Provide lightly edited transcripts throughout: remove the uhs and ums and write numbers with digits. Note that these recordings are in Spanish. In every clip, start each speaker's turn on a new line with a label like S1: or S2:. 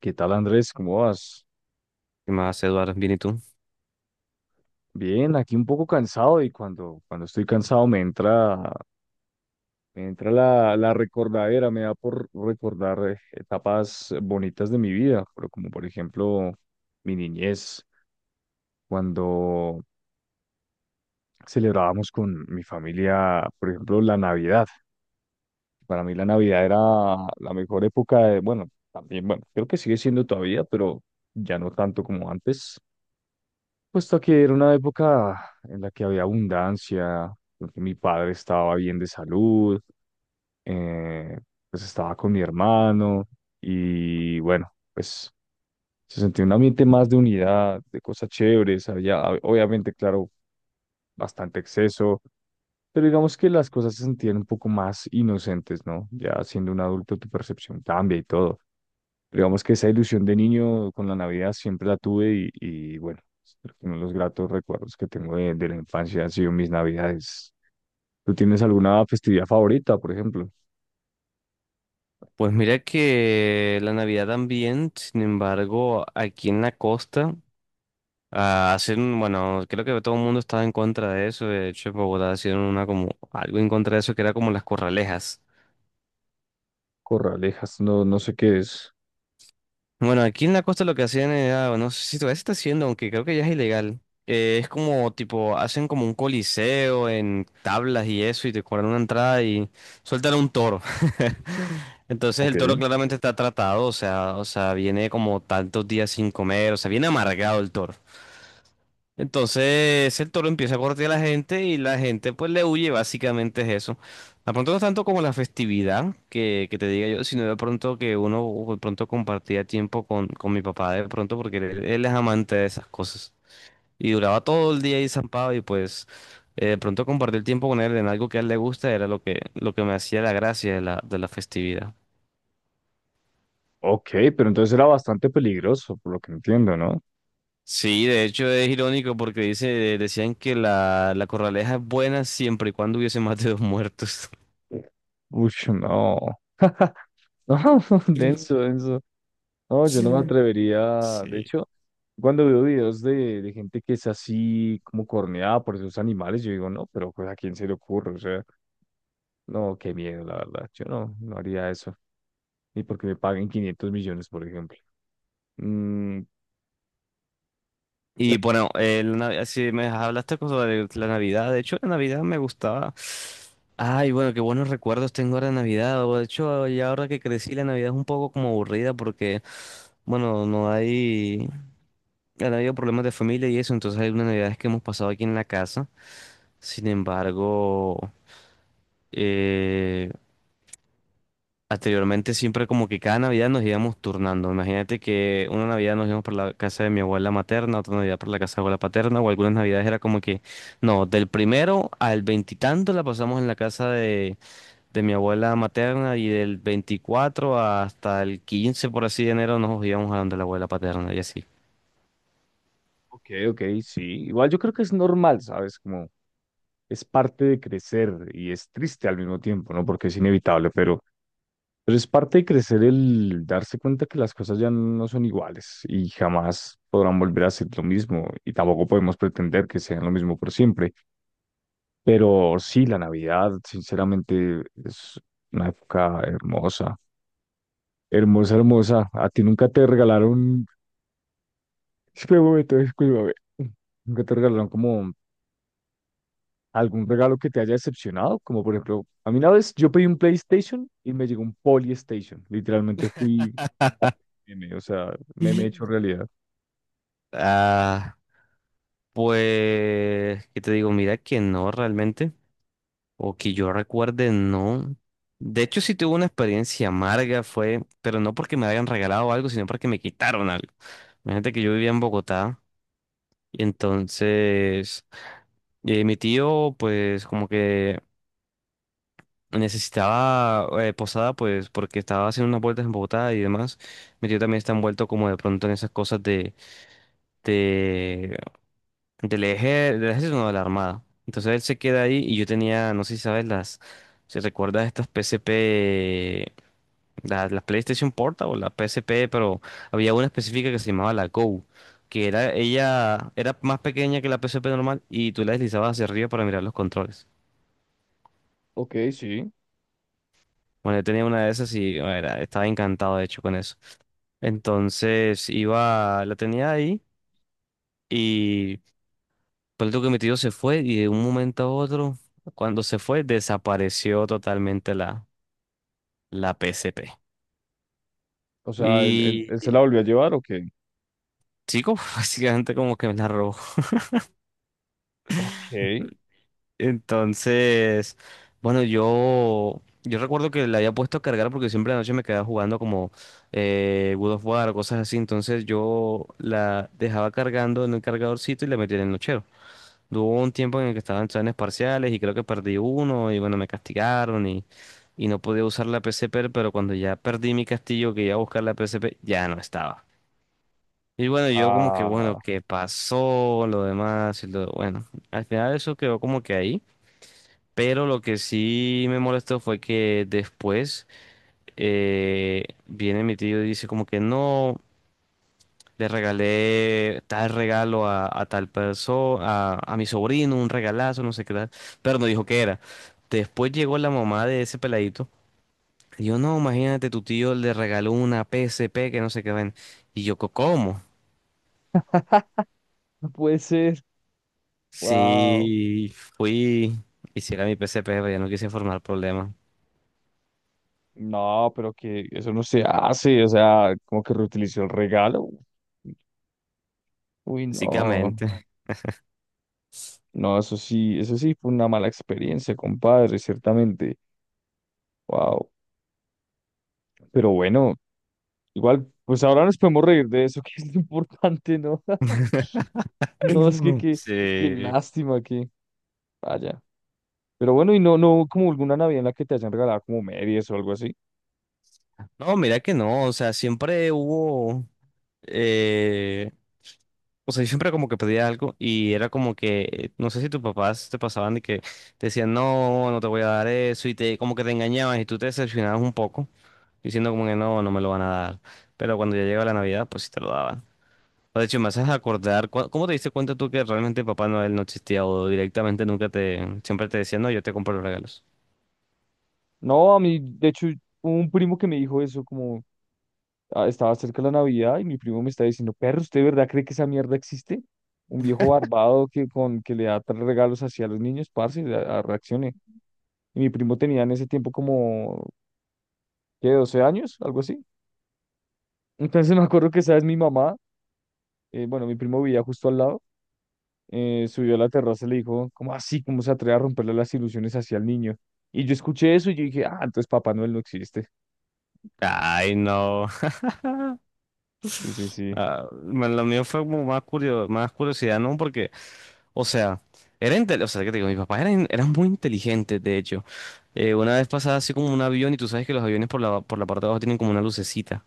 S1: ¿Qué tal, Andrés? ¿Cómo vas?
S2: ¿Qué más, Eduardo? Bien, ¿y tú?
S1: Bien, aquí un poco cansado y cuando estoy cansado me entra la recordadera, me da por recordar etapas bonitas de mi vida, pero como por ejemplo mi niñez, cuando celebrábamos con mi familia, por ejemplo, la Navidad. Para mí la Navidad era la mejor época de, bueno, también, bueno, creo que sigue siendo todavía, pero ya no tanto como antes, puesto que era una época en la que había abundancia, en que mi padre estaba bien de salud, eh, pues estaba con mi hermano y bueno, pues se sentía un ambiente más de unidad, de cosas chéveres, había obviamente, claro, bastante exceso, pero digamos que las cosas se sentían un poco más inocentes, ¿no? Ya siendo un adulto tu percepción cambia y todo. Digamos que esa ilusión de niño con la Navidad siempre la tuve y bueno, creo que uno de los gratos recuerdos que tengo de la infancia han sido mis Navidades. ¿Tú tienes alguna festividad favorita, por ejemplo?
S2: Pues mira que la Navidad también. Sin embargo, aquí en la costa, hacen, bueno, creo que todo el mundo estaba en contra de eso. De hecho, en Bogotá hicieron una como algo en contra de eso que era como las corralejas.
S1: Corralejas, no, no sé qué es.
S2: Bueno, aquí en la costa lo que hacían era, no sé si todavía se está haciendo, aunque creo que ya es ilegal. Es como tipo, hacen como un coliseo en tablas y eso, y te cobran una entrada y sueltan a un toro. Entonces
S1: Ok.
S2: el toro claramente está tratado, o sea, viene como tantos días sin comer, o sea, viene amargado el toro. Entonces el toro empieza a correr a la gente y la gente pues le huye. Básicamente es eso. De pronto no es tanto como la festividad que te diga yo, sino de pronto que uno de pronto compartía tiempo con mi papá de pronto porque él es amante de esas cosas. Y duraba todo el día ahí zampado y pues de pronto compartir tiempo con él en algo que a él le gusta era lo que me hacía la gracia de la festividad.
S1: Ok, pero entonces era bastante peligroso, por lo que entiendo, ¿no?
S2: Sí, de hecho es irónico porque decían que la corraleja es buena siempre y cuando hubiese más de dos muertos.
S1: Uy, no. No, denso, denso. No, yo no me
S2: Sí.
S1: atrevería. De
S2: Sí.
S1: hecho, cuando veo videos de gente que es así como corneada por esos animales, yo digo, no, pero pues, ¿a quién se le ocurre? O sea, no, qué miedo, la verdad. Yo no, no haría eso. Ni porque me paguen 500 millones, por ejemplo. Mm,
S2: Y
S1: pero,
S2: bueno, la Navidad, si me hablaste sobre la Navidad, de hecho la Navidad me gustaba. Ay, bueno, qué buenos recuerdos tengo ahora de Navidad. O De hecho, ya ahora que crecí, la Navidad es un poco como aburrida porque, bueno, no hay, han habido problemas de familia y eso, entonces hay unas Navidades que hemos pasado aquí en la casa. Sin embargo, eh, anteriormente siempre como que cada Navidad nos íbamos turnando. Imagínate que una Navidad nos íbamos para la casa de mi abuela materna, otra Navidad para la casa de abuela paterna, o algunas Navidades era como que no, del primero al veintitanto la pasamos en la casa de mi abuela materna, y del 24 hasta el 15 por así de enero, nos íbamos a donde la abuela paterna y así.
S1: ok, ok, sí. Igual yo creo que es normal, ¿sabes? Como es parte de crecer y es triste al mismo tiempo, ¿no? Porque es inevitable, pero es parte de crecer el darse cuenta que las cosas ya no son iguales y jamás podrán volver a ser lo mismo y tampoco podemos pretender que sean lo mismo por siempre. Pero sí, la Navidad, sinceramente, es una época hermosa, hermosa, hermosa. A ti nunca te regalaron, espérame un momento, discúlpame, nunca te regalaron como algún regalo que te haya decepcionado, como por ejemplo, a mí una vez yo pedí un PlayStation y me llegó un Polystation. Literalmente fui meme, o sea, meme hecho realidad.
S2: Ah, pues, ¿qué te digo? Mira que no realmente. O que yo recuerde, no. De hecho, sí tuve una experiencia amarga, fue, pero no porque me hayan regalado algo, sino porque me quitaron algo. Imagínate que yo vivía en Bogotá y entonces mi tío, pues como que necesitaba posada, pues porque estaba haciendo unas vueltas en Bogotá y demás. Mi tío también está envuelto como de pronto en esas cosas de, del eje, del ejército, no, de la armada. Entonces él se queda ahí y yo tenía, no sé si sabes, las, si recuerdas estas P C P, la PlayStation Portable, la PSP, pero había una específica que se llamaba la Go, que era ella era más pequeña que la PSP normal y tú la deslizabas hacia arriba para mirar los controles.
S1: Ok, sí.
S2: Bueno, yo tenía una de esas y bueno, era, estaba encantado de hecho con eso. Entonces iba, la tenía ahí y por que mi tío se fue y de un momento a otro, cuando se fue, desapareció totalmente la, la PSP.
S1: O sea, ¿él,
S2: Y
S1: él se la
S2: y,
S1: volvió a llevar o qué?
S2: sí, como básicamente como que me la robó.
S1: Ok.
S2: Entonces, bueno, yo recuerdo que la había puesto a cargar porque siempre la noche me quedaba jugando como God of War, o cosas así. Entonces yo la dejaba cargando en el cargadorcito y la metía en el nochero. Hubo un tiempo en el que estaba en planes parciales y creo que perdí uno y bueno, me castigaron y no podía usar la PSP, pero cuando ya perdí mi castillo que iba a buscar la PSP, ya no estaba. Y bueno, yo como que bueno,
S1: Ah,
S2: ¿qué pasó? Lo demás y lo bueno. Al final eso quedó como que ahí. Pero lo que sí me molestó fue que después viene mi tío y dice como que no, le regalé tal regalo a tal persona, a mi sobrino, un regalazo, no sé qué tal, pero no dijo qué era. Después llegó la mamá de ese peladito. Y yo, no, imagínate, tu tío le regaló una PSP que no sé qué ven. Y yo, "Co- ¿cómo?
S1: no puede ser. Wow.
S2: Sí, fui, hiciera mi PSP, pero ya no quise formar problemas,
S1: No, pero que eso no se hace, o sea, como que reutilizó el regalo. Uy, no.
S2: básicamente.
S1: No, eso sí fue una mala experiencia, compadre, ciertamente. Wow. Pero bueno. Igual, pues ahora nos podemos reír de eso, que es lo importante, ¿no? No, es que qué qué
S2: Sí.
S1: lástima que vaya. Pero bueno, y no, no como alguna Navidad en la que te hayan regalado como medias o algo así.
S2: No, mira que no, o sea, siempre hubo, eh, o sea, yo siempre como que pedía algo y era como que, no sé si tus papás te pasaban de que te decían, no, no te voy a dar eso y te, como que te engañaban y tú te decepcionabas un poco, diciendo como que no, no me lo van a dar, pero cuando ya llegaba la Navidad, pues sí te lo daban. O de hecho, me haces acordar, ¿cómo te diste cuenta tú que realmente Papá Noel no existía o directamente nunca te, siempre te decía, no, yo te compro los regalos?
S1: No, a mí, de hecho, hubo un primo que me dijo eso, como ah, estaba cerca la Navidad y mi primo me está diciendo, perro, ¿usted de verdad cree que esa mierda existe? Un viejo barbado que, con, que le da regalos así a los niños, parce, reaccione. Y mi primo tenía en ese tiempo como, ¿qué? 12 años, algo así. Entonces, me acuerdo que, ¿sabes? Mi mamá bueno, mi primo vivía justo al lado, subió a la terraza y le dijo, ¿cómo así? ¿Cómo se atreve a romperle las ilusiones hacia el niño? Y yo escuché eso y yo dije, ah, entonces Papá Noel no existe.
S2: Ay, no.
S1: Sí, sí, sí.
S2: Ah, lo mío fue como más más curiosidad, ¿no? Porque, o sea, era o sea, ¿qué te digo? Mis papás eran muy inteligentes, de hecho. Una vez pasaba así como un avión y tú sabes que los aviones por la parte de abajo tienen como una lucecita.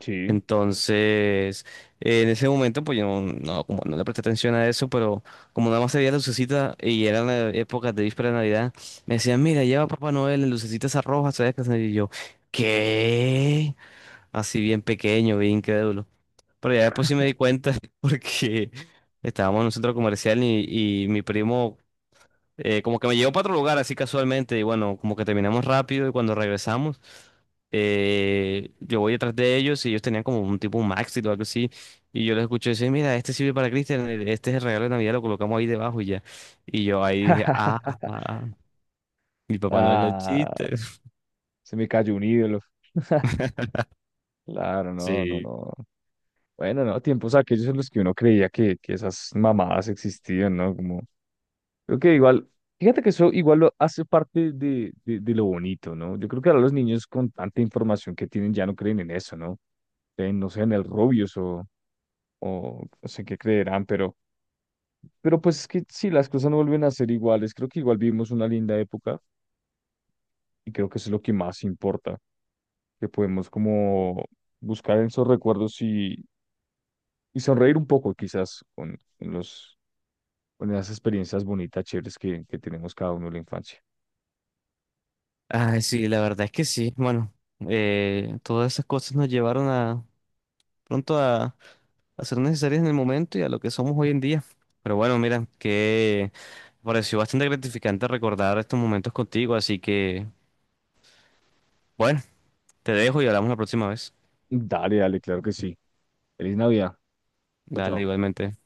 S1: Sí.
S2: Entonces, en ese momento, pues yo no, no, como no le presté atención a eso, pero como nada más se veía la lucecita y eran épocas de víspera de Navidad, me decían, mira, lleva Papá Noel, la lucecita esa roja, ¿sabes qué? Y yo, ¿qué? Así bien pequeño, bien incrédulo. Pero ya después sí me di cuenta porque estábamos en un centro comercial y mi primo como que me llevó para otro lugar así casualmente y bueno, como que terminamos rápido y cuando regresamos yo voy detrás de ellos y ellos tenían como un tipo un maxi o algo así y yo les escuché decir, mira, este sirve para Cristian, e, este es el regalo de Navidad, lo colocamos ahí debajo y ya. Y yo ahí dije, ah, ah, mi papá no es los
S1: Ah,
S2: chistes.
S1: se me cayó un ídolo. Claro, no, no,
S2: Sí.
S1: no. Bueno, no, tiempos aquellos en los que uno creía que esas mamadas existían, ¿no? Como Creo que igual, fíjate que eso igual lo hace parte de lo bonito, ¿no? Yo creo que ahora los niños con tanta información que tienen ya no creen en eso, ¿no? Creen, no sé, en el Rubius o no sé qué creerán, pero pues es que si las cosas no vuelven a ser iguales, creo que igual vivimos una linda época y creo que eso es lo que más importa, que podemos como buscar en esos recuerdos y sonreír un poco quizás con los, con esas experiencias bonitas, chéveres que tenemos cada uno en la infancia.
S2: Ay, sí, la verdad es que sí. Bueno, todas esas cosas nos llevaron a pronto a ser necesarias en el momento y a lo que somos hoy en día. Pero bueno, mira, que me pareció bastante gratificante recordar estos momentos contigo, así que bueno, te dejo y hablamos la próxima vez.
S1: Dale, dale, claro que sí. Feliz Navidad. Chao,
S2: Dale,
S1: chao.
S2: igualmente.